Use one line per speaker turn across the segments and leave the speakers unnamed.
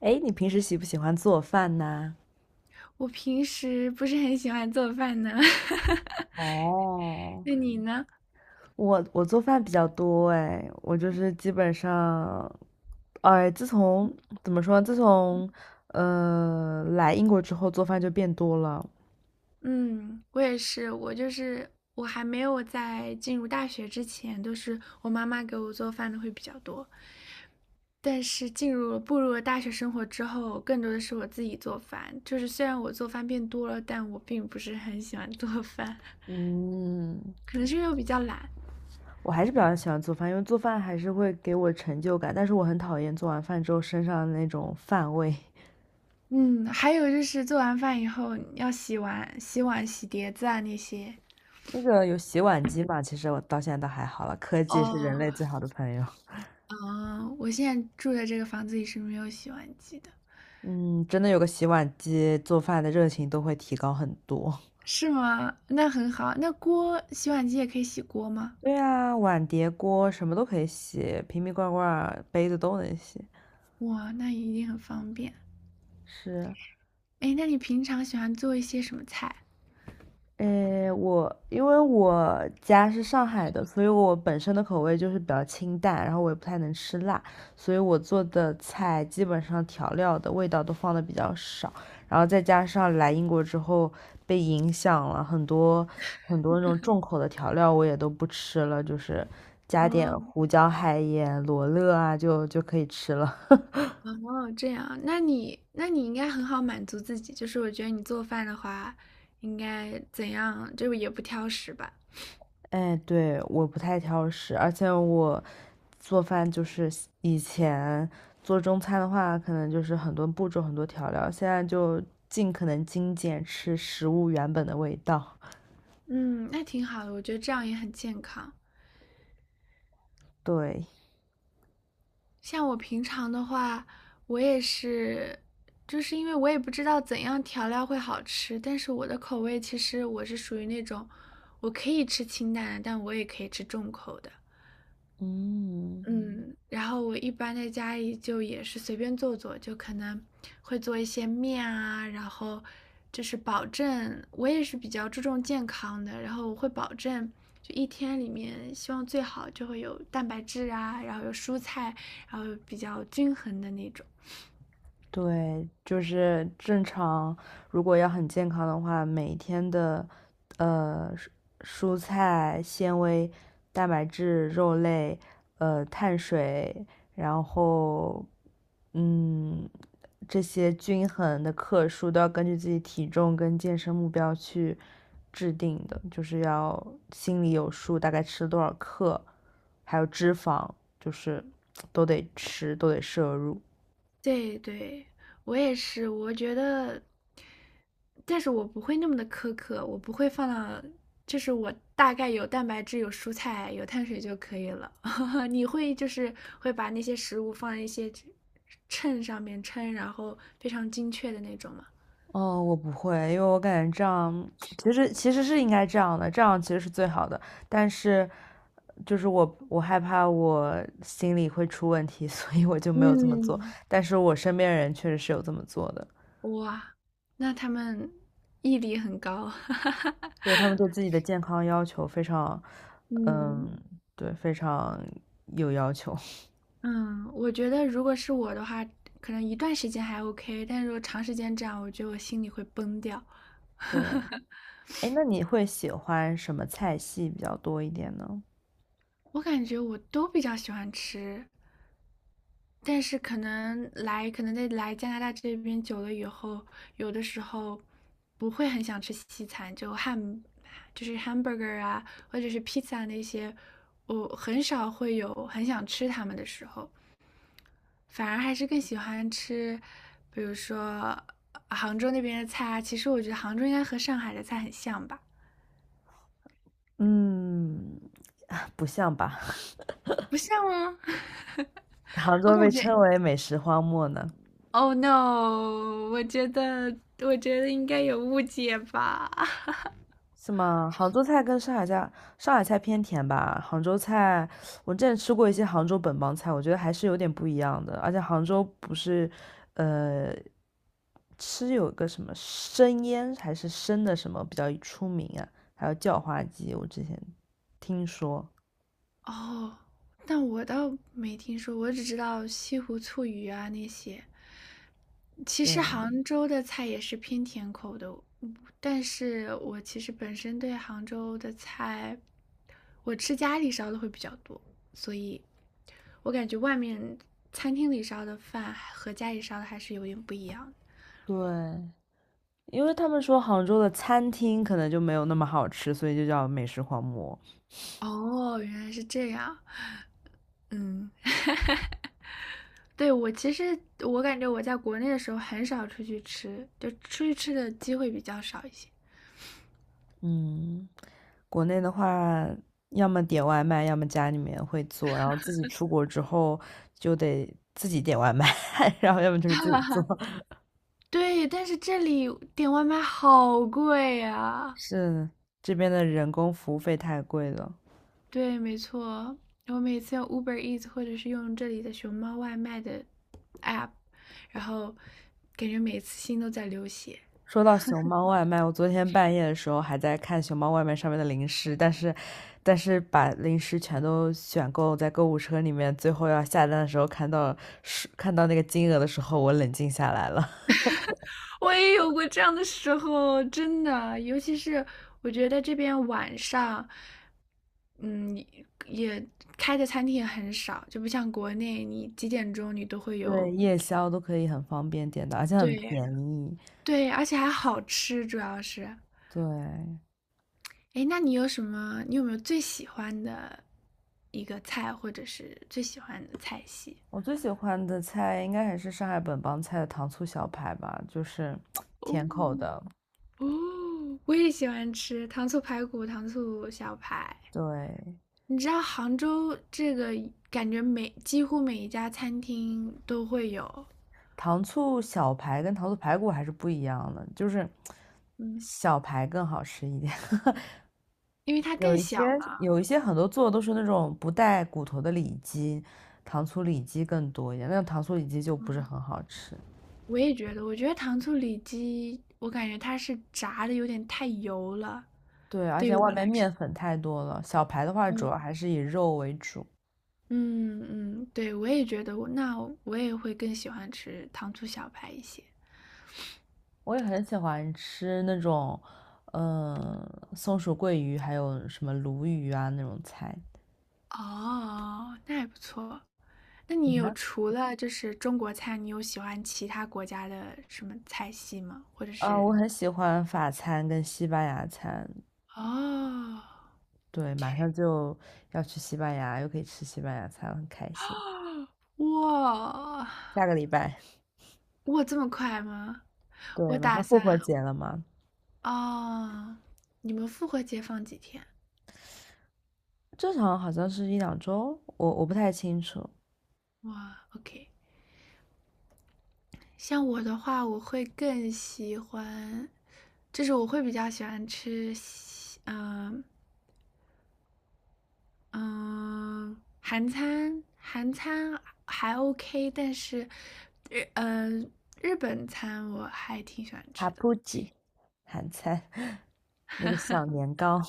哎，你平时喜不喜欢做饭呢？
我平时不是很喜欢做饭呢。
哦，
那你呢？
我做饭比较多哎，我就是基本上，哎，自从怎么说，自从来英国之后，做饭就变多了。
嗯，我也是，我就是我还没有在进入大学之前，都是我妈妈给我做饭的会比较多。但是进入了步入了大学生活之后，更多的是我自己做饭。就是虽然我做饭变多了，但我并不是很喜欢做饭，
嗯，
可能是因为我比较懒。
我还是比较喜欢做饭，因为做饭还是会给我成就感，但是我很讨厌做完饭之后身上的那种饭味。
嗯，还有就是做完饭以后你要洗碗、洗碗、洗碟子啊那些。
那个有洗碗机嘛，其实我到现在倒还好了，科技是人
哦，
类最好的朋友。
啊，我现在住的这个房子里是没有洗碗机的。
嗯，真的有个洗碗机，做饭的热情都会提高很多。
是吗？那很好，那锅洗碗机也可以洗锅吗？
对啊，碗碟锅什么都可以洗，瓶瓶罐罐杯子都能洗。
哇，那一定很方便。
是，
哎，那你平常喜欢做一些什么菜？
诶，我因为我家是上海的，所以我本身的口味就是比较清淡，然后我也不太能吃辣，所以我做的菜基本上调料的味道都放的比较少，然后再加上来英国之后被影响了很多，很多那种重口的调料，我也都不吃了，就是加点
哦。
胡椒、海盐、罗勒啊，就可以吃了。
哦，这样，那你应该很好满足自己，就是我觉得你做饭的话，应该怎样，就是也不挑食吧。
哎，对，我不太挑食，而且我做饭就是以前做中餐的话，可能就是很多步骤、很多调料，现在就尽可能精简，吃食物原本的味道。
嗯，那挺好的，我觉得这样也很健康。
对，
像我平常的话，我也是，就是因为我也不知道怎样调料会好吃，但是我的口味其实我是属于那种，我可以吃清淡的，但我也可以吃重口的。
嗯，
嗯。然后我一般在家里就也是随便做做，就可能会做一些面啊，然后就是保证我也是比较注重健康的，然后我会保证就一天里面希望最好就会有蛋白质啊，然后有蔬菜，然后比较均衡的那种。
对，就是正常，如果要很健康的话，每天的呃蔬菜、纤维、蛋白质、肉类、碳水，然后嗯，这些均衡的克数都要根据自己体重跟健身目标去制定的，就是要心里有数，大概吃多少克，还有脂肪，就是 都得吃，都得摄入。
对对，我也是，我觉得但是我不会那么的苛刻，我不会放到，就是我大概有蛋白质、有蔬菜、有碳水就可以了。你会就是会把那些食物放在一些秤上面称，然后非常精确的那种吗？
哦，我不会，因为我感觉这样其实是应该这样的，这样其实是最好的。但是就是我害怕我心里会出问题，所以我就没有这么做。
嗯。
但是我身边人确实是有这么做的，
哇，那他们毅力很高。
对， 他们对自己的健康要求非常，嗯，
嗯。
对，非常有要求。
嗯，我觉得如果是我的话，可能一段时间还 OK，但如果长时间这样，我觉得我心里会崩掉。
对，哎，那你会喜欢什么菜系比较多一点呢？
我感觉我都比较喜欢吃但是可能来，可能在来加拿大这边久了以后，有的时候不会很想吃西餐，就汉就是 hamburger 啊，或者是 pizza 那些，我很少会有很想吃它们的时候，反而还是更喜欢吃，比如说杭州那边的菜啊。其实我觉得杭州应该和上海的菜很像吧？
嗯，不像吧？
不像吗？
杭
我
州被
感觉
称 为美食荒漠呢。
，Oh no！我觉得，我觉得应该有误解吧。
是吗？杭州菜跟上海菜，上海菜偏甜吧。杭州菜，我之前吃过一些杭州本帮菜，我觉得还是有点不一样的。而且杭州不是，呃，吃有个什么生腌还是生的什么比较出名啊？还有叫花鸡，我之前听说。
哦，但我倒没听说，我只知道西湖醋鱼啊那些。其
对
实杭州的菜也是偏甜口的，但是我其实本身对杭州的菜，我吃家里烧的会比较多，所以我感觉外面餐厅里烧的饭和家里烧的还是有点不一样
对，因为他们说杭州的餐厅可能就没有那么好吃，所以就叫美食荒漠。
的。哦，原来是这样。嗯，对，我其实我感觉我在国内的时候很少出去吃，就出去吃的机会比较少一些。
嗯，国内的话，要么点外卖，要么家里面会做，然后自己出国之后就得自己点外卖，然后要么就是自己做。
对，但是这里点外卖好贵 呀。
是，这边的人工服务费太贵了。
对，没错，我每次用 Uber Eats 或者是用这里的熊猫外卖的 app，然后感觉每次心都在流血。
说到熊猫外卖，我昨天半夜的时候还在看熊猫外卖上面的零食，但是，但是把零食全都选购在购物车里面，最后要下单的时候看到那个金额的时候，我冷静下来了。
我也有过这样的时候，真的，尤其是我觉得这边晚上，嗯，也开的餐厅也很少，就不像国内，你几点钟你都会
对，
有。
夜宵都可以很方便点的，而且很
对。
便宜。
对，而且还好吃，主要是。
对，
哎，那你有什么？你有没有最喜欢的一个菜，或者是最喜欢的菜系？
我最喜欢的菜应该还是上海本帮菜的糖醋小排吧，就是
哦。
甜口的。
哦，我也喜欢吃糖醋排骨、糖醋小排。
对，
你知道杭州这个感觉每几乎每一家餐厅都会有，
糖醋小排跟糖醋排骨还是不一样的，就是
嗯，
小排更好吃一点。
因为它
有
更
一
小
些
嘛。
有一些很多做的都是那种不带骨头的里脊，糖醋里脊更多一点，那种糖醋里脊就不是很好吃。
我也觉得，我觉得糖醋里脊，我感觉它是炸的有点太油了，
对，而
对于
且外
我来
面
说。
面粉太多了。小排的话，主
嗯。
要还是以肉为主。
嗯。嗯，对，我也觉得我，那我也会更喜欢吃糖醋小排一些。
我也很喜欢吃那种，嗯，松鼠桂鱼，还有什么鲈鱼啊那种菜。
哦，那还不错。那
你
你有
呢？
除了就是中国菜，你有喜欢其他国家的什么菜系吗？或者
啊，我
是
很喜欢法餐跟西班牙餐。
哦。
对，马上就要去西班牙，又可以吃西班牙餐，很开心。
哇。
下个礼拜，
哇，这么快吗？
对，
我
马
打
上复活
算。
节了嘛，
哦，你们复活节放几天？
正常好像是一两周，我不太清楚。
哇，OK。像我的话，我会更喜欢，就是我会比较喜欢吃西，嗯，韩餐，韩餐还 OK，但是日日本餐我还挺喜欢
塔
吃的。
布吉，韩餐，那个小年糕。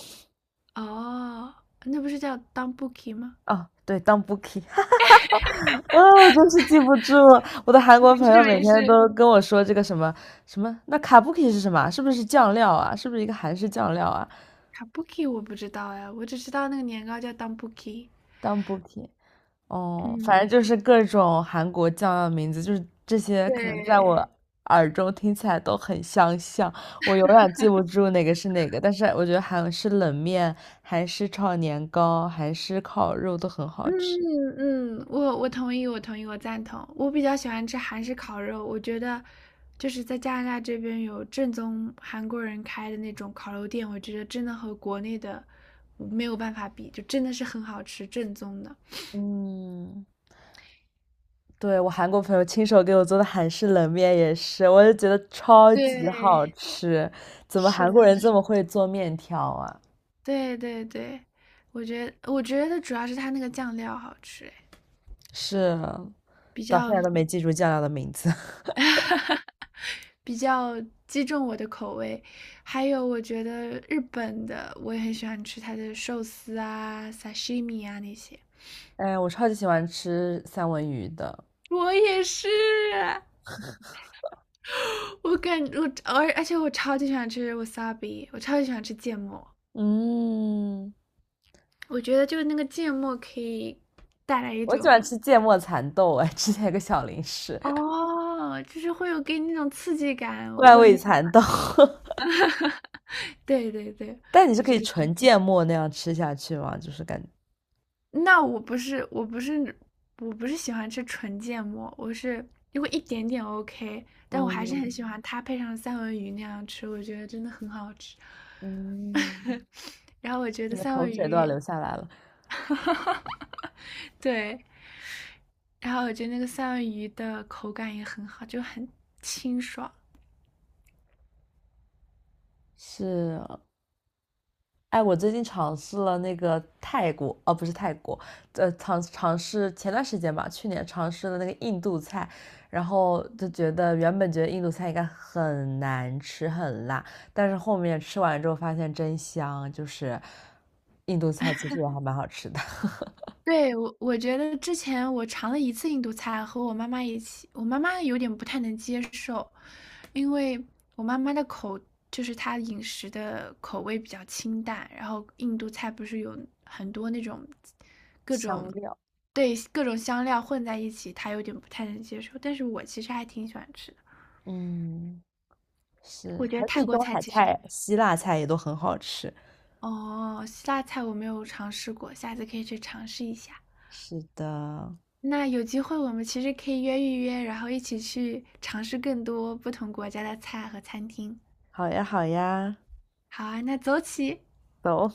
哦，那不是叫 DONBUKI 吗？
哦，对，当 Bookie 啊，我真是记不住了，我的韩
没
国朋
事
友每
没
天
事，
都跟我说这个什么什么，那卡 b o o k i 是什么啊，是不是酱料啊？是不是一个韩式酱料啊？
卡布奇 u 我不知道哎，我只知道那个年糕叫 Danbuki。
当 Bookie，哦，
嗯，
反正就是各种韩国酱料的名字，就是这些，可能在
对，
我耳中听起来都很相像，我永远记不住哪个是哪个。但是我觉得韩式冷面、韩式炒年糕、韩式烤肉都很好
嗯
吃。
嗯，我同意，我同意，我赞同。我比较喜欢吃韩式烤肉，我觉得就是在加拿大这边有正宗韩国人开的那种烤肉店，我觉得真的和国内的没有办法比，就真的是很好吃，正宗的。
嗯。对，我韩国朋友亲手给我做的韩式冷面也是，我就觉得超级
对，
好吃。怎么
是
韩国
的，
人这么会做面条啊？
对对对，我觉得主要是它那个酱料好吃，哎，
是，
比
到现
较
在都没记住酱料的名字。
比较击中我的口味。还有，我觉得日本的我也很喜欢吃它的寿司啊、sashimi 啊那些。
哎，我超级喜欢吃三文鱼的。
我也是，我感我而而且我超级喜欢吃 wasabi，我超级喜欢吃芥末。
嗯，
我觉得就是那个芥末可以带来一
我喜
种
欢吃芥末蚕豆，哎，之前有个小零食，
哦，就是会有给你那种刺激感，我
怪
会很
味
喜
蚕豆。
对对对，
但你是
我
可
觉
以
得
纯芥末那样吃下去吗？就是感觉，
那我不是，我不是，我不是喜欢吃纯芥末，我是如果一点点 OK，但我还是很
嗯
喜欢它配上三文鱼那样吃，我觉得真的很好吃。
嗯，
然后我觉
你
得
的
三
口
文
水都要
鱼，
流下来了。
对，然后我觉得那个三文鱼的口感也很好，就很清爽。
是，哎，我最近尝试了那个泰国，哦，不是泰国，尝试前段时间吧，去年尝试了那个印度菜，然后就觉得原本觉得印度菜应该很难吃很辣，但是后面吃完之后发现真香，就是印度菜其实也还蛮好吃的，
对，我我觉得之前我尝了一次印度菜，和我妈妈一起，我妈妈有点不太能接受，因为我妈妈的口就是她饮食的口味比较清淡，然后印度菜不是有很多那种各种
香料，
对各种香料混在一起，她有点不太能接受。但是我其实还挺喜欢吃的，
嗯，是，
我觉
还
得
有
泰
地
国
中
菜
海
其实
菜、希腊菜也都很好吃。
哦，希腊菜我没有尝试过，下次可以去尝试一下。
是的，
那有机会我们其实可以约一约，然后一起去尝试更多不同国家的菜和餐厅。
好呀好呀，
好啊，那走起！
走。